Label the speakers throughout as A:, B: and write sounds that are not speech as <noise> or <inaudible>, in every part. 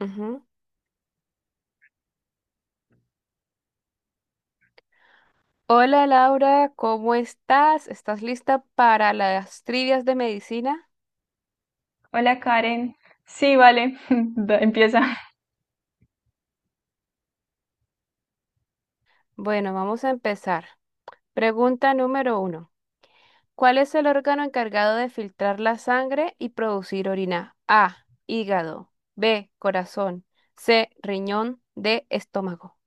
A: Ujú. Hola Laura, ¿cómo estás? ¿Estás lista para las trivias de medicina?
B: Hola Karen. Sí, vale. <laughs> Empieza.
A: Bueno, vamos a empezar. Pregunta número uno. ¿Cuál es el órgano encargado de filtrar la sangre y producir orina? A, hígado. B, corazón. C, riñón. D, estómago.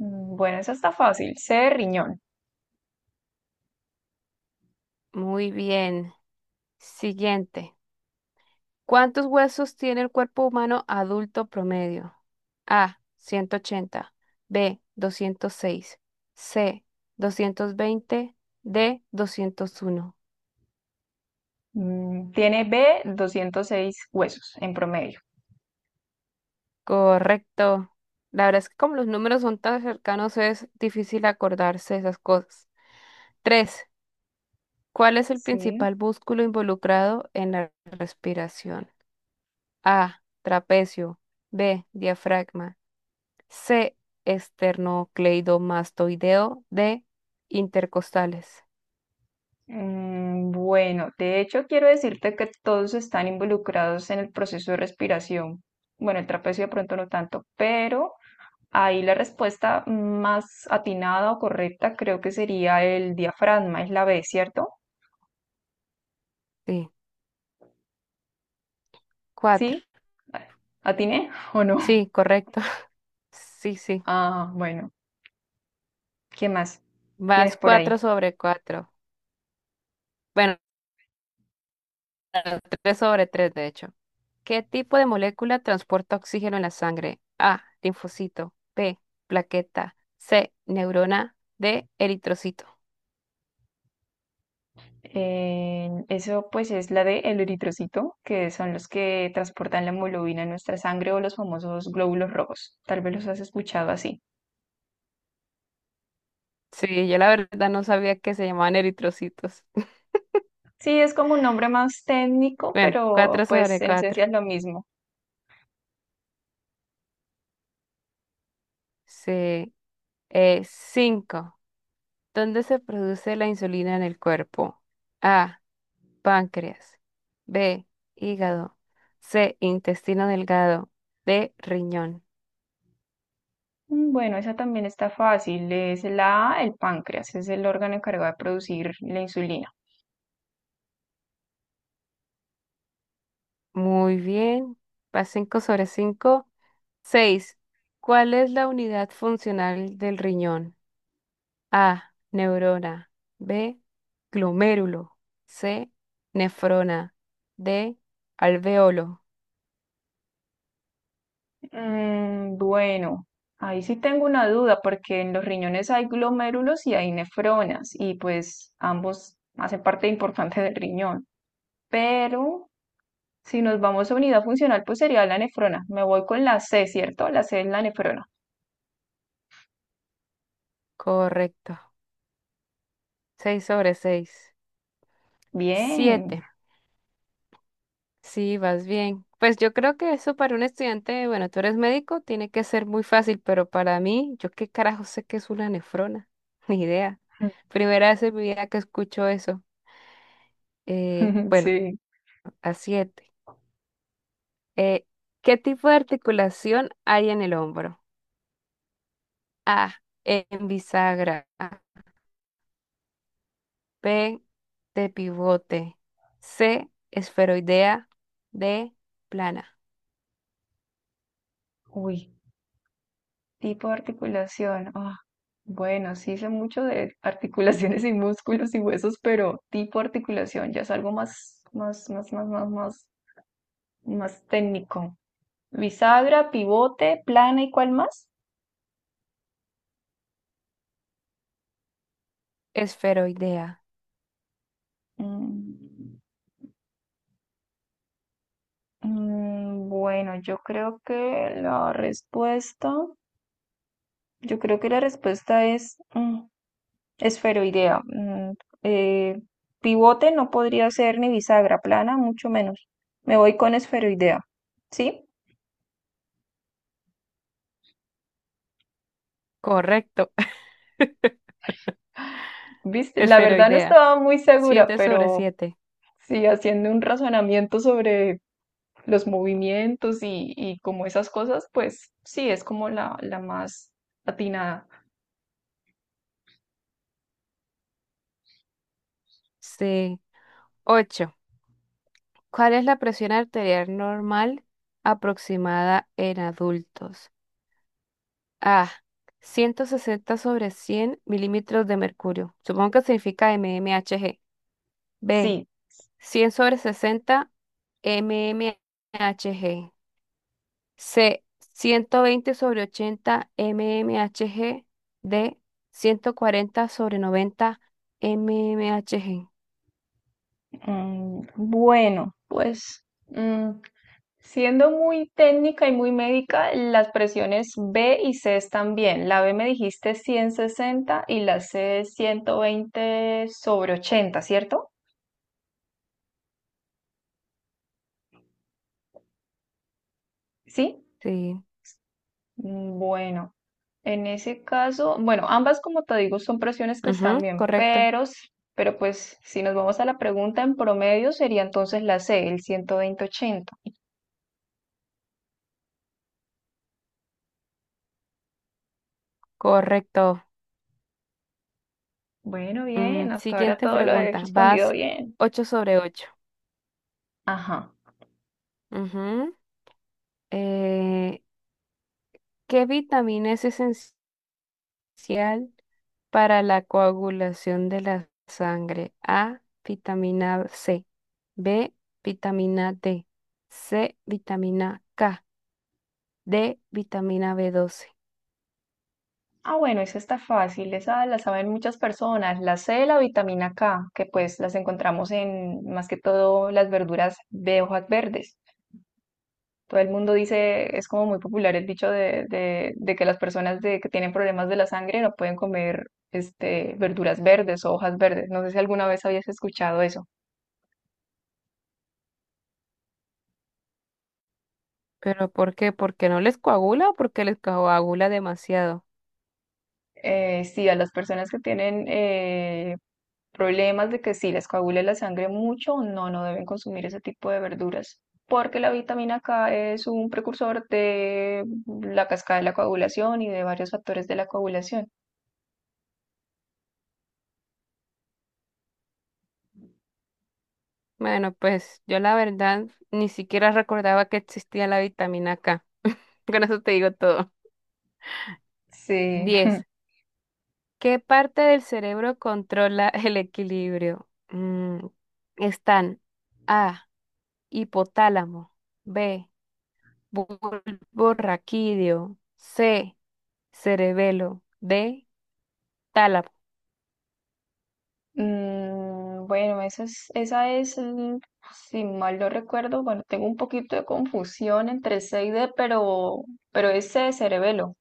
B: Bueno, eso está fácil. C de riñón.
A: Muy bien. Siguiente. ¿Cuántos huesos tiene el cuerpo humano adulto promedio? A, 180, B, 206, C, 220, D, 201.
B: Tiene B 206 huesos en promedio.
A: Correcto. La verdad es que como los números son tan cercanos es difícil acordarse de esas cosas. 3. ¿Cuál es el
B: Sí.
A: principal músculo involucrado en la respiración? A, trapecio, B, diafragma, C. Esternocleidomastoideo. D. Intercostales.
B: Bueno, de hecho quiero decirte que todos están involucrados en el proceso de respiración. Bueno, el trapecio de pronto no tanto, pero ahí la respuesta más atinada o correcta creo que sería el diafragma, es la B, ¿cierto?
A: Sí, cuatro.
B: ¿Sí? ¿Atiné <laughs> o no?
A: Sí, correcto. <laughs> Sí, sí.
B: Ah, bueno. ¿Qué más tienes
A: Vas
B: por ahí?
A: cuatro sobre cuatro. Bueno, tres sobre tres, de hecho. ¿Qué tipo de molécula transporta oxígeno en la sangre? A. Linfocito. B. Plaqueta. C. Neurona. D. Eritrocito.
B: Eso pues es la de el eritrocito, que son los que transportan la hemoglobina en nuestra sangre o los famosos glóbulos rojos. Tal vez los has escuchado así.
A: Sí, yo la verdad no sabía que se llamaban eritrocitos. <laughs>
B: Sí, es como un nombre más técnico,
A: Bueno,
B: pero
A: cuatro
B: pues
A: sobre
B: en
A: cuatro.
B: esencia es lo mismo.
A: Sí. Cinco. ¿Dónde se produce la insulina en el cuerpo? A. Páncreas. B. Hígado. C. Intestino delgado. D. Riñón.
B: Bueno, esa también está fácil. Es la A, el páncreas, es el órgano encargado de producir la insulina.
A: Muy bien. Va 5 sobre 5. 6. ¿Cuál es la unidad funcional del riñón? A. Neurona. B. Glomérulo. C. Nefrona. D. Alveolo.
B: Bueno, ahí sí tengo una duda porque en los riñones hay glomérulos y hay nefronas y pues ambos hacen parte importante del riñón. Pero si nos vamos a unidad funcional, pues sería la nefrona. Me voy con la C, ¿cierto? La C es la nefrona.
A: Correcto. 6 sobre 6.
B: Bien.
A: 7. Sí, vas bien. Pues yo creo que eso para un estudiante, bueno, tú eres médico, tiene que ser muy fácil, pero para mí, yo qué carajo sé que es una nefrona, <laughs> ni idea.
B: <laughs>
A: Primera vez en mi vida que escucho eso. Bueno,
B: Sí.
A: a siete. Eh, ¿Qué tipo de articulación hay en el hombro? A, en bisagra. B, de pivote. C, esferoidea. D, plana.
B: Uy, tipo de articulación. Ah, bueno, sí sé mucho de articulaciones y músculos y huesos, pero tipo de articulación ya es algo más, más, más, más, más, más, más técnico. Bisagra, pivote, plana, ¿y cuál más?
A: Esferoidea.
B: Mm, bueno, yo creo que la respuesta, yo creo que la respuesta es esferoidea. Eh, Pivote no podría ser ni bisagra, plana mucho menos. Me voy con esferoidea. ¿Sí?
A: Correcto, <laughs>
B: ¿Viste? La verdad no
A: esferoidea.
B: estaba muy segura,
A: 7 sobre
B: pero
A: siete.
B: sí, haciendo un razonamiento sobre los movimientos y como esas cosas, pues sí, es como la más atinada.
A: Sí. 8. ¿Cuál es la presión arterial normal aproximada en adultos? A. 160 sobre 100 milímetros de mercurio. Supongo que significa mmHg. B.
B: Sí,
A: 100 sobre 60 mmHg. C. 120 sobre 80 mmHg. D. 140 sobre 90 mmHg.
B: bueno, pues siendo muy técnica y muy médica, las presiones B y C están bien. La B me dijiste 160 y la C 120 sobre 80, ¿cierto? Sí.
A: Sí.
B: Bueno, en ese caso, bueno, ambas como te digo son presiones que
A: Ujú,
B: están bien,
A: correcto.
B: pero, pero pues si nos vamos a la pregunta en promedio sería entonces la C, el 120/80.
A: Correcto.
B: Bueno, bien,
A: Mm,
B: hasta ahora
A: siguiente
B: todo lo he
A: pregunta.
B: respondido
A: Vas
B: bien.
A: 8 sobre 8.
B: Ajá.
A: Ujú. Eh, ¿Qué vitamina es esencial para la coagulación de la sangre? A, vitamina C. B, vitamina D. C, vitamina K. D, vitamina b doce.
B: Ah, bueno, esa está fácil, esa la saben muchas personas, la C, la vitamina K, que pues las encontramos en más que todo las verduras de hojas verdes. Todo el mundo dice, es como muy popular el dicho de que las personas que tienen problemas de la sangre no pueden comer este, verduras verdes o hojas verdes. No sé si alguna vez habías escuchado eso.
A: ¿Pero por qué? ¿Porque no les coagula o porque les coagula demasiado?
B: Sí, a las personas que tienen problemas de que sí les coagule la sangre mucho, no, no deben consumir ese tipo de verduras. Porque la vitamina K es un precursor de la cascada de la coagulación y de varios factores de la coagulación.
A: Bueno, pues yo la verdad ni siquiera recordaba que existía la vitamina K. Con eso te digo todo.
B: Sí.
A: 10. ¿Qué parte del cerebro controla <laughs> el equilibrio? Mm, están A, hipotálamo, B, bulbo raquídeo, C, cerebelo, D, tálamo.
B: Bueno, esa es, si mal no recuerdo, bueno, tengo un poquito de confusión entre C y D, pero es C, cerebelo.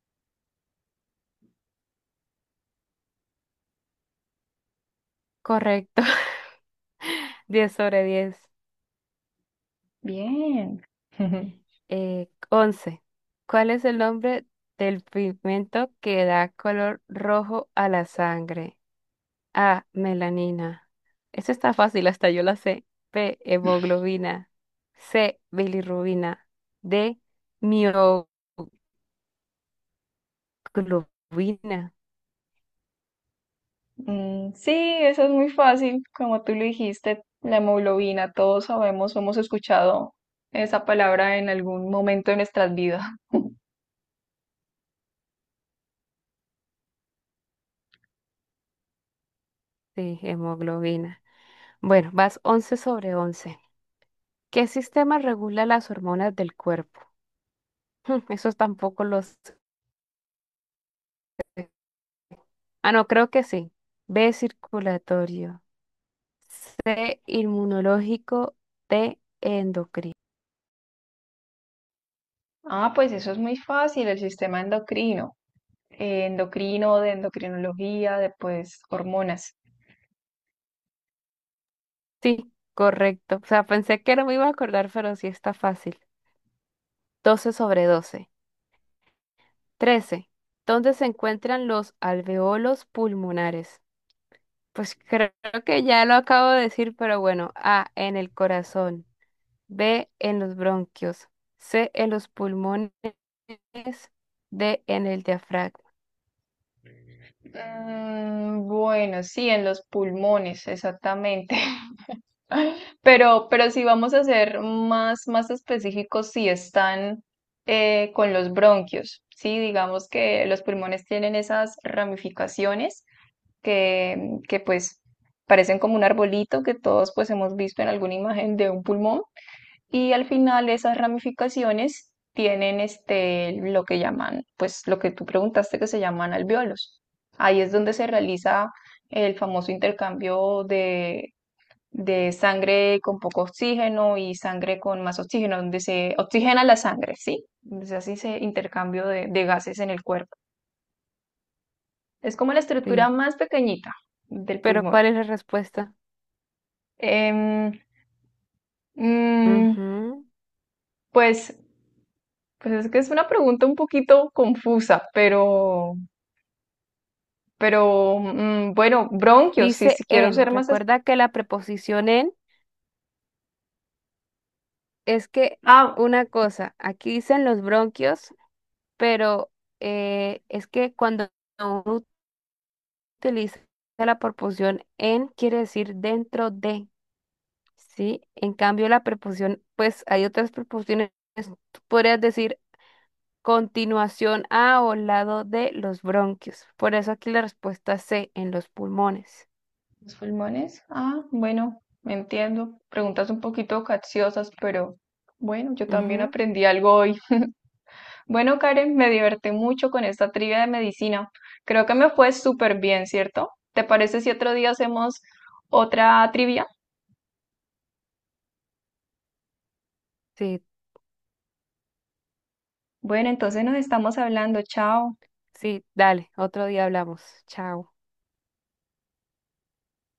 A: Correcto. <laughs> Diez sobre diez.
B: Bien. <laughs>
A: Once. ¿Cuál es el nombre del pigmento que da color rojo a la sangre? A, melanina. Eso está fácil, hasta yo la sé. B, hemoglobina. C, bilirrubina. D, mioglobina.
B: Sí, eso es muy fácil, como tú lo dijiste, la hemoglobina, todos sabemos, hemos escuchado esa palabra en algún momento de nuestras vidas. <laughs>
A: Sí, hemoglobina. Bueno, vas once sobre once. ¿Qué sistema regula las hormonas del cuerpo? Eso tampoco los... Ah, no, creo que sí. B, circulatorio. C, inmunológico. D, endocrino.
B: Ah, pues eso es muy fácil, el sistema endocrino, de endocrinología, de pues hormonas.
A: Sí, correcto. O sea, pensé que no me iba a acordar, pero sí está fácil. Doce sobre 12, 13. ¿Dónde se encuentran los alveolos pulmonares? Pues creo que ya lo acabo de decir, pero bueno. A, en el corazón. B, en los bronquios. C, en los pulmones. D, en el diafragma.
B: Bueno, sí, en los pulmones, exactamente. <laughs> Pero si vamos a ser más, más específicos, si están con los bronquios, ¿sí? Digamos que los pulmones tienen esas ramificaciones que pues parecen como un arbolito que todos pues hemos visto en alguna imagen de un pulmón. Y al final esas ramificaciones tienen este, lo que llaman, pues lo que tú preguntaste que se llaman alvéolos. Ahí es donde se realiza el famoso intercambio de sangre con poco oxígeno y sangre con más oxígeno, donde se oxigena la sangre, ¿sí? Entonces así se intercambio de gases en el cuerpo. Es como la estructura
A: Sí.
B: más pequeñita del
A: Pero
B: pulmón.
A: ¿cuál es la respuesta?
B: Em, mm,
A: Ujú.
B: pues, pues es que es una pregunta un poquito confusa, pero. Pero bueno, bronquios, sí, si
A: Dice
B: quiero
A: en.
B: ser más.
A: Recuerda que la preposición en es que
B: Ah,
A: una cosa, aquí dicen los bronquios, pero es que cuando uno utiliza la preposición en, quiere decir dentro de, ¿sí? En cambio, la preposición, pues hay otras preposiciones, tú podrías decir continuación a o lado de los bronquios. Por eso aquí la respuesta C, en los pulmones.
B: los pulmones. Ah, bueno, me entiendo. Preguntas un poquito capciosas, pero bueno, yo también
A: Ujú.
B: aprendí algo hoy. Bueno, Karen, me divertí mucho con esta trivia de medicina. Creo que me fue súper bien, ¿cierto? ¿Te parece si otro día hacemos otra trivia?
A: Sí,
B: Bueno, entonces nos estamos hablando. Chao.
A: sí, dale, otro día hablamos. Chao.